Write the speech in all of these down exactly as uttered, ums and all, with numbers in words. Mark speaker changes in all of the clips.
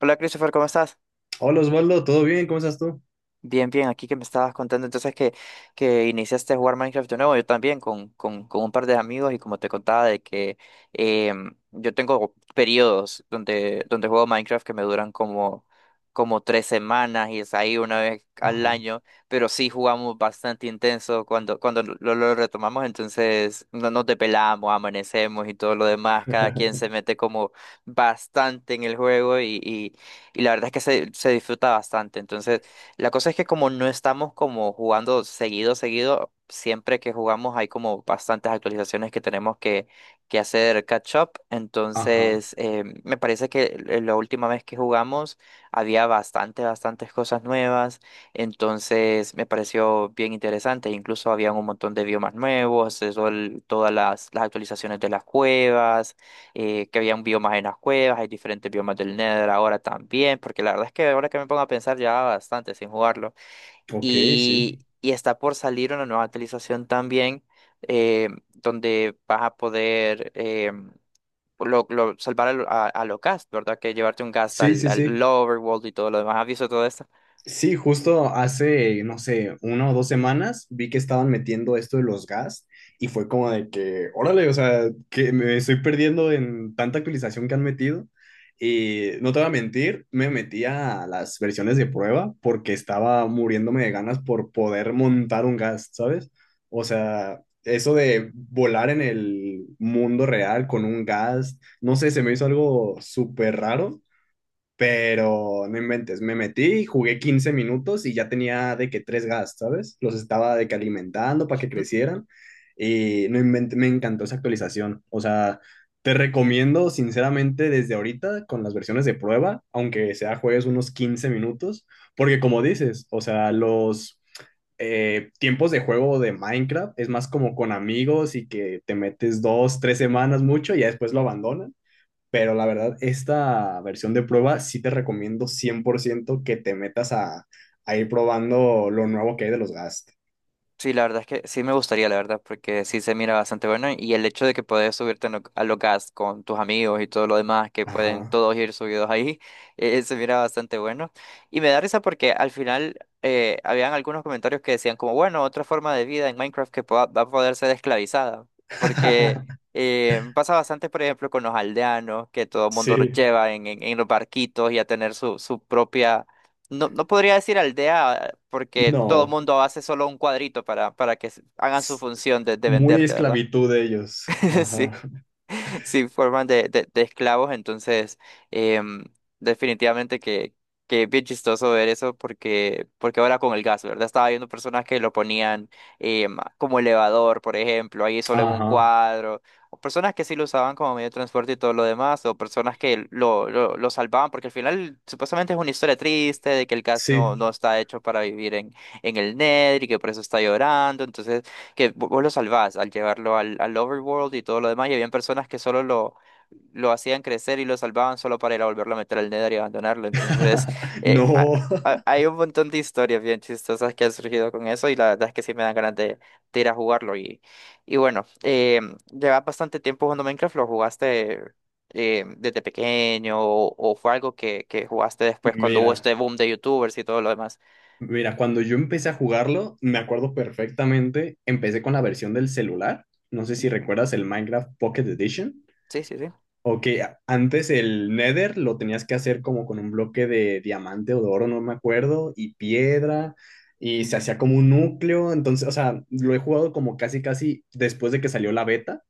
Speaker 1: Hola Christopher, ¿cómo estás?
Speaker 2: Hola Osvaldo, ¿todo bien? ¿Cómo estás tú?
Speaker 1: Bien, bien, aquí que me estabas contando entonces que, que iniciaste a jugar Minecraft de nuevo, yo también con, con, con un par de amigos y como te contaba de que em, yo tengo periodos donde, donde juego Minecraft que me duran como, como tres semanas y es ahí una vez al
Speaker 2: Ajá,
Speaker 1: año, pero sí jugamos bastante intenso cuando, cuando lo, lo retomamos, entonces no nos depelamos, amanecemos y todo lo demás, cada quien se mete como bastante en el juego y, y, y la verdad es que se, se disfruta bastante, entonces... La cosa es que como no estamos como jugando seguido, seguido, siempre que jugamos hay como bastantes actualizaciones que tenemos que, que hacer catch up.
Speaker 2: ajá,
Speaker 1: Entonces, eh, me parece que l- la última vez que jugamos había bastante, bastantes cosas nuevas. Entonces, me pareció bien interesante. Incluso habían un montón de biomas nuevos, eso el- todas las, las actualizaciones de las cuevas eh, que habían biomas en las cuevas, hay diferentes biomas del Nether ahora también, porque la verdad es que ahora que me pongo a pensar ya bastante sin jugarlo.
Speaker 2: ok, sí.
Speaker 1: Y, y está por salir una nueva actualización también, eh, donde vas a poder eh, lo, lo- salvar al, a, a lo ghast, ¿verdad? Que llevarte un ghast
Speaker 2: Sí,
Speaker 1: al,
Speaker 2: sí,
Speaker 1: al
Speaker 2: sí.
Speaker 1: Overworld y todo lo demás. ¿Has visto todo esto?
Speaker 2: Sí, justo hace, no sé, una o dos semanas vi que estaban metiendo esto de los gas y fue como de que, órale, o sea, que me estoy perdiendo en tanta actualización que han metido. Y no te voy a mentir, me metí a las versiones de prueba porque estaba muriéndome de ganas por poder montar un gas, ¿sabes? O sea, eso de volar en el mundo real con un gas, no sé, se me hizo algo súper raro, pero no inventes, me metí, jugué quince minutos y ya tenía de que tres gas, ¿sabes? Los estaba de que alimentando para que crecieran y no inventé, me encantó esa actualización. O sea, te recomiendo sinceramente desde ahorita con las versiones de prueba, aunque sea juegues unos quince minutos, porque como dices, o sea, los eh, tiempos de juego de Minecraft es más como con amigos y que te metes dos, tres semanas mucho y ya después lo abandonan. Pero la verdad, esta versión de prueba sí te recomiendo cien por ciento que te metas a, a ir probando lo nuevo que hay de los Gast.
Speaker 1: Sí, la verdad es que sí me gustaría, la verdad, porque sí se mira bastante bueno y el hecho de que puedes subirte en lo- a los gas con tus amigos y todo lo demás, que pueden
Speaker 2: Ajá.
Speaker 1: todos ir subidos ahí, eh, se mira bastante bueno. Y me da risa porque al final eh, habían algunos comentarios que decían como, bueno, otra forma de vida en Minecraft que pueda- va a poder ser esclavizada, porque eh, pasa bastante, por ejemplo, con los aldeanos, que todo el mundo los
Speaker 2: Sí.
Speaker 1: lleva en, en, en los barquitos y a tener su, su propia... No, no podría decir aldea porque todo el
Speaker 2: No.
Speaker 1: mundo hace solo un cuadrito para, para que s- hagan su
Speaker 2: s-
Speaker 1: función de, de
Speaker 2: Muy
Speaker 1: venderte, ¿verdad?
Speaker 2: esclavitud de ellos. Ajá.
Speaker 1: Sí. Sí forman de, de, de esclavos, entonces em, definitivamente que, que es bien chistoso ver eso porque, porque ahora con el gas, ¿verdad? Estaba viendo personas que lo ponían em, como elevador, por ejemplo, ahí solo en un
Speaker 2: Ajá.
Speaker 1: cuadro, o personas que sí lo usaban como medio de transporte y todo lo demás, o personas que lo, lo, lo salvaban, porque al final supuestamente es una historia triste de que el gas no, no
Speaker 2: Sí.
Speaker 1: está hecho para vivir en, en el Nether y que por eso está llorando, entonces que vo- vos lo salvás al llevarlo al, al overworld y todo lo demás, y habían personas que solo lo, lo hacían crecer y lo salvaban solo para ir a volverlo a meter al Nether y abandonarlo. Entonces, eh, ha-
Speaker 2: No.
Speaker 1: ha- hay un montón de historias bien chistosas que han surgido con eso, y la verdad es que sí me dan ganas de, de ir a jugarlo. Y, y bueno, eh, llevas bastante tiempo jugando Minecraft, lo jugaste. Eh, ¿desde pequeño o, o fue algo que, que jugaste después cuando hubo
Speaker 2: Mira.
Speaker 1: este boom de youtubers y todo lo demás?
Speaker 2: Mira, cuando yo empecé a jugarlo, me acuerdo perfectamente, empecé con la versión del celular. No sé si
Speaker 1: Ujú.
Speaker 2: recuerdas el Minecraft Pocket Edition.
Speaker 1: Sí, sí, sí.
Speaker 2: Ok, a- antes el Nether lo tenías que hacer como con un bloque de diamante o de oro, no me acuerdo, y piedra, y se hacía como un núcleo, entonces, o sea, lo he jugado como casi, casi después de que salió la beta,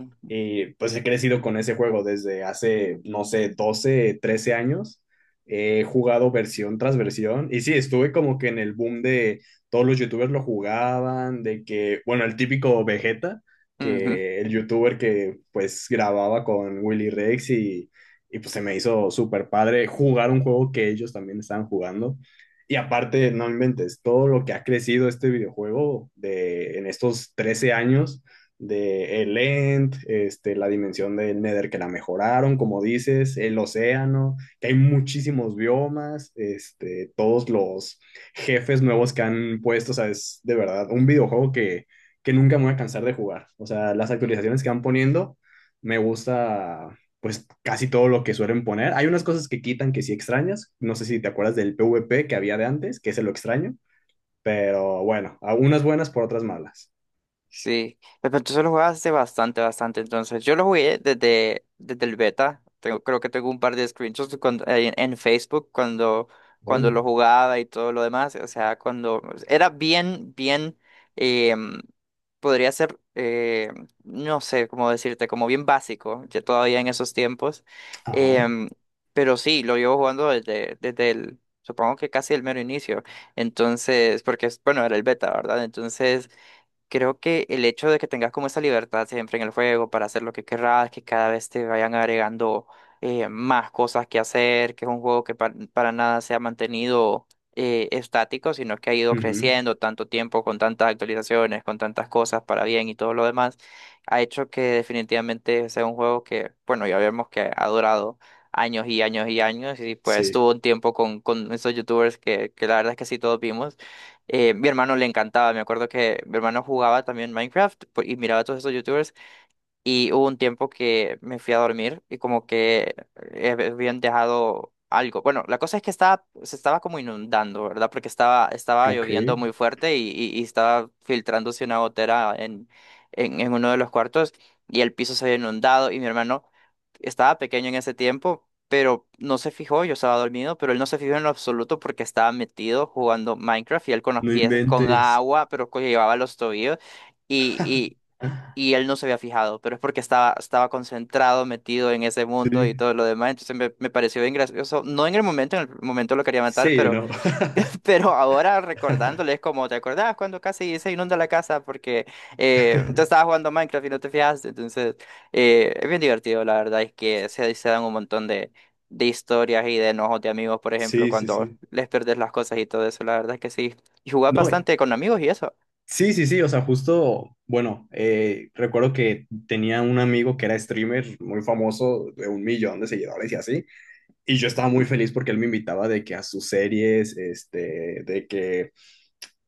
Speaker 1: Ujú.
Speaker 2: y pues he crecido con ese juego desde hace, no sé, doce trece años. He jugado versión tras versión. Y sí, estuve como que en el boom de todos los youtubers lo jugaban, de que, bueno, el típico Vegeta,
Speaker 1: Ujú.
Speaker 2: que el youtuber que pues grababa con Willy Rex y, y pues se me hizo súper padre jugar un juego que ellos también estaban jugando. Y aparte, no inventes, todo lo que ha crecido este videojuego de, en estos trece años de el End, este, la dimensión del Nether que la mejoraron, como dices, el océano, que hay muchísimos biomas, este, todos los jefes nuevos que han puesto, o sea, es de verdad un videojuego que, que nunca me voy a cansar de jugar. O sea, las actualizaciones que van poniendo, me gusta pues casi todo lo que suelen poner. Hay unas cosas que quitan que sí extrañas, no sé si te acuerdas del PvP que había de antes, que ese lo extraño, pero bueno, a unas buenas por otras malas.
Speaker 1: Sí, pues, pero entonces lo juegas hace bastante, bastante. Entonces, yo lo jugué desde, desde el beta. Tengo, creo que tengo un par de screenshots de cuando- en, en Facebook cuando, cuando lo
Speaker 2: Órale.
Speaker 1: jugaba y todo lo demás. O sea, cuando era bien, bien, em, podría ser, eh, no sé cómo decirte, como bien básico, ya todavía en esos tiempos.
Speaker 2: Ajá.
Speaker 1: Em, pero sí, lo llevo jugando desde, desde el, supongo que casi el mero inicio. Entonces, porque, es- bueno, era el beta, ¿verdad? Entonces... Creo que el hecho de que tengas como esa libertad siempre en el juego para hacer lo que querrás, que cada vez te vayan agregando eh, más cosas que hacer, que es un juego que pa- para nada se ha mantenido eh, estático, sino que ha ido
Speaker 2: Ujú.
Speaker 1: creciendo tanto tiempo, con tantas actualizaciones, con tantas cosas para bien y todo lo demás, ha hecho que definitivamente sea un juego que, bueno, ya vemos que ha durado años y años y años, y pues
Speaker 2: Sí,
Speaker 1: tuvo un tiempo con, con esos youtubers que, que la verdad es que sí todos vimos eh, mi hermano le encantaba, me acuerdo que mi hermano jugaba también Minecraft pues, y miraba a todos esos youtubers y hubo un tiempo que me fui a dormir y como que eh, habían dejado algo. Bueno, la cosa es que estaba, se estaba como inundando, ¿verdad? Porque estaba, estaba
Speaker 2: ok.
Speaker 1: lloviendo muy fuerte y, y- y estaba filtrándose una gotera en, en, en uno de los cuartos y el piso se había inundado y mi hermano estaba pequeño en ese tiempo, pero no se fijó, yo estaba dormido, pero él no se fijó en lo absoluto porque estaba metido jugando Minecraft y él con los
Speaker 2: No
Speaker 1: pies con
Speaker 2: inventes.
Speaker 1: agua, pero que llevaba los tobillos y él no se había fijado, pero es porque estaba, estaba concentrado, metido en ese mundo y
Speaker 2: Sí,
Speaker 1: todo lo demás, entonces me, me pareció bien gracioso, no en el momento, en el momento lo quería matar,
Speaker 2: sí,
Speaker 1: pero,
Speaker 2: no.
Speaker 1: pero ahora recordándole es como, ¿te acordás cuando casi se inunda la casa porque eh, tú estabas jugando Minecraft y no te fijaste? Entonces, eh, es bien divertido, la verdad, es que se, se dan un montón de... de historias y de enojos de amigos, por ejemplo,
Speaker 2: Sí, sí,
Speaker 1: cuando
Speaker 2: sí.
Speaker 1: les perdés las cosas y todo eso, la verdad es que sí. Y jugás
Speaker 2: No, eh,
Speaker 1: bastante con amigos y eso.
Speaker 2: sí, sí, sí, o sea, justo, bueno, eh, recuerdo que tenía un amigo que era streamer muy famoso, de un millón de seguidores y así, y yo estaba muy feliz porque él me invitaba de que a sus series, este, de que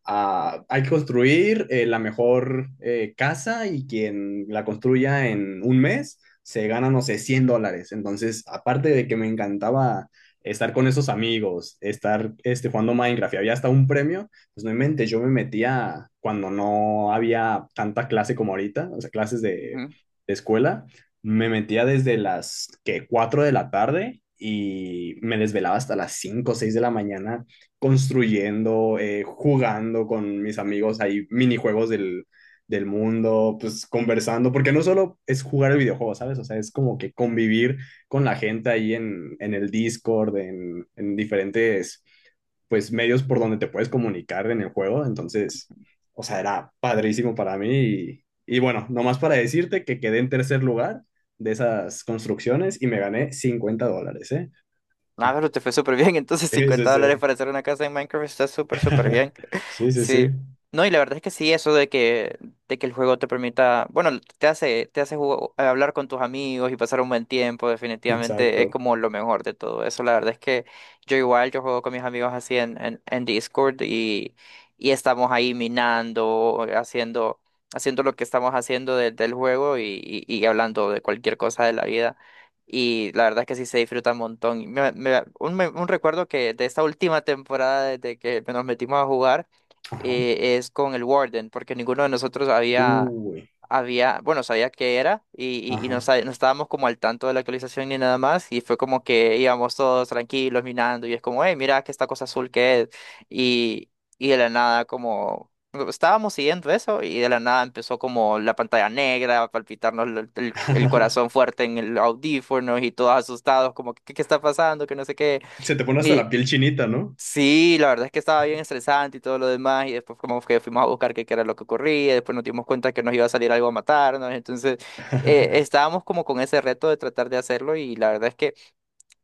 Speaker 2: ah, hay que construir eh, la mejor eh, casa y quien la construya en un mes se gana, no sé, cien dólares. Entonces, aparte de que me encantaba estar con esos amigos, estar este, jugando Minecraft y había hasta un premio, pues no mente, yo me metía cuando no había tanta clase como ahorita, o sea, clases de, de escuela, me metía desde las que cuatro de la tarde. Y me desvelaba hasta las cinco o seis de la mañana construyendo, eh, jugando con mis amigos, hay minijuegos del, del mundo, pues conversando, porque no solo es jugar el videojuego, ¿sabes? O sea, es como que convivir con la gente ahí en, en el Discord, en, en diferentes, pues, medios por donde te puedes comunicar en el juego. Entonces, o sea, era padrísimo para mí. Y, y bueno, nomás para decirte que quedé en tercer lugar de esas construcciones y me gané cincuenta dólares, ¿eh?
Speaker 1: Ah, pero te fue súper bien. Entonces,
Speaker 2: Sí, sí,
Speaker 1: cincuenta dólares
Speaker 2: sí.
Speaker 1: para hacer una casa en Minecraft está súper, súper bien.
Speaker 2: Sí, sí,
Speaker 1: Sí.
Speaker 2: sí.
Speaker 1: No, y la verdad es que sí, eso de que, de que el juego te permita, bueno, te hace, te hace jugo- eh, hablar con tus amigos y pasar un buen tiempo, definitivamente es
Speaker 2: Exacto.
Speaker 1: como lo mejor de todo eso. La verdad es que yo igual, yo juego con mis amigos así en, en, en Discord y, y estamos ahí minando, eh, haciendo, haciendo lo que estamos haciendo de- del juego y, y y hablando de cualquier cosa de la vida. Y la verdad es que sí se disfruta un montón. Y me- me- un, me- un recuerdo que de esta última temporada, desde que nos metimos a jugar,
Speaker 2: Ajá.
Speaker 1: eh, es con el Warden, porque ninguno de nosotros había,
Speaker 2: Uy.
Speaker 1: había, bueno, sabía qué era y, y, y no,
Speaker 2: Ajá.
Speaker 1: sa- no estábamos como al tanto de la actualización ni nada más. Y fue como que íbamos todos tranquilos, minando, y es como, hey, mira que esta cosa azul que es. Y, y de la nada, como estábamos siguiendo eso y de la nada empezó como la pantalla negra a palpitarnos el, el- el corazón fuerte en el audífono y todos asustados como ¿qué, qué está pasando? Que no sé qué.
Speaker 2: Se te pone hasta
Speaker 1: Y
Speaker 2: la piel chinita, ¿no?
Speaker 1: sí, la verdad es que estaba bien estresante y todo lo demás y después como que fuimos a buscar qué, qué era lo que ocurría y después nos dimos cuenta que nos iba a salir algo a matarnos. Entonces eh, estábamos como con ese reto de tratar de hacerlo y la verdad es que...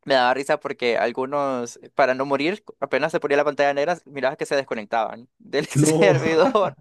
Speaker 1: Me daba risa porque algunos, para no morir, apenas se ponía la pantalla negra, mirabas que se desconectaban del
Speaker 2: No.
Speaker 1: servidor.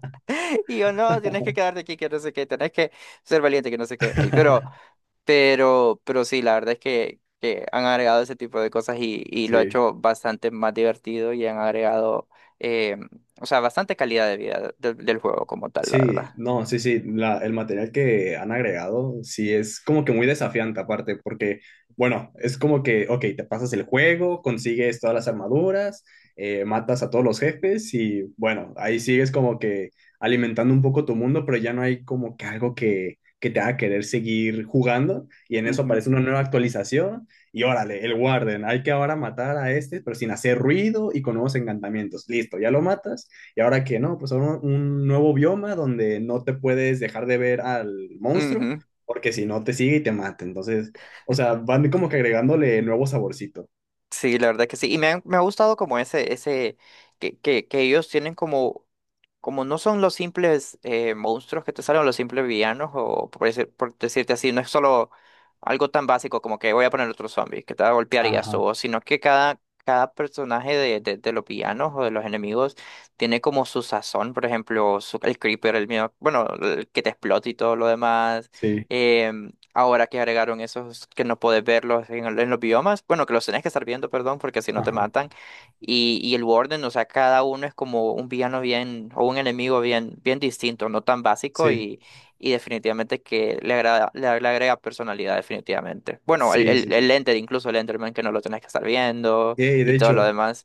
Speaker 1: Y yo, no, tienes que quedarte aquí, que no sé qué, tenés que ser valiente, que no sé qué. Ey, pero, pero, pero sí, la verdad es que, que han agregado ese tipo de cosas y, y lo ha
Speaker 2: Sí.
Speaker 1: hecho bastante más divertido y han agregado, eh, o sea, bastante calidad de vida del del juego como tal, la
Speaker 2: Sí,
Speaker 1: verdad.
Speaker 2: no, sí, sí, la- el material que han agregado, sí, es como que muy desafiante aparte, porque, bueno, es como que, ok, te pasas el juego, consigues todas las armaduras, eh, matas a todos los jefes y, bueno, ahí sigues como que alimentando un poco tu mundo, pero ya no hay como que algo que, que te haga querer seguir jugando y en eso
Speaker 1: Ujú,
Speaker 2: aparece una nueva actualización y órale, el Warden, hay que ahora matar a este, pero sin hacer ruido y con nuevos encantamientos, listo, ya lo matas y ahora que no, pues ahora un nuevo bioma donde no te puedes dejar de ver al monstruo,
Speaker 1: ujú.
Speaker 2: porque si no te sigue y te mata. Entonces, o sea, van como que agregándole nuevo saborcito.
Speaker 1: Sí, la verdad que sí. Y me, han- me ha gustado como ese, ese, que, que, que ellos tienen como, como no son los simples eh, monstruos que te salen, los simples villanos, o por, decir- por decirte así, no es solo algo tan básico como que voy a poner otro zombie que te va a golpear y
Speaker 2: Ajá,
Speaker 1: eso, sino que cada, cada personaje de, de, de los villanos o de los enemigos tiene como su sazón, por ejemplo, su- el creeper, el miedo, bueno, el que te explota y todo lo demás.
Speaker 2: sí,
Speaker 1: em, Ahora que agregaron esos que no puedes verlos en, el- en los biomas, bueno, que los tenés que estar viendo, perdón, porque si no te
Speaker 2: ajá,
Speaker 1: matan. Y, y el Warden, o sea, cada uno es como un villano bien, o un enemigo bien, bien distinto, no tan básico
Speaker 2: sí,
Speaker 1: y, y definitivamente que le agrada, le, le agrega personalidad, definitivamente. Bueno, el,
Speaker 2: sí,
Speaker 1: el,
Speaker 2: sí,
Speaker 1: el
Speaker 2: sí.
Speaker 1: Enter, incluso el Enderman, que no lo tenés que estar viendo
Speaker 2: Y
Speaker 1: y
Speaker 2: de
Speaker 1: todo lo
Speaker 2: hecho,
Speaker 1: demás.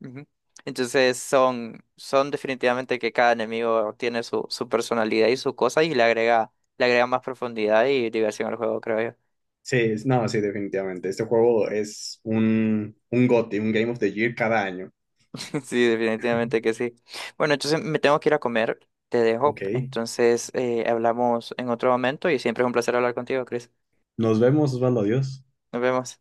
Speaker 1: Ujú. Entonces son, son definitivamente que cada enemigo tiene su, su personalidad y su cosa y le agrega, le agrega más profundidad y diversión al juego, creo yo.
Speaker 2: sí, es- no, sí, definitivamente. Este juego es un, un GOTY, un Game of the Year cada año.
Speaker 1: Sí, definitivamente que sí. Bueno, entonces me tengo que ir a comer, te dejo.
Speaker 2: Ok.
Speaker 1: Entonces eh, hablamos en otro momento y siempre es un placer hablar contigo, Chris.
Speaker 2: Nos vemos, Osvaldo, adiós.
Speaker 1: Nos vemos.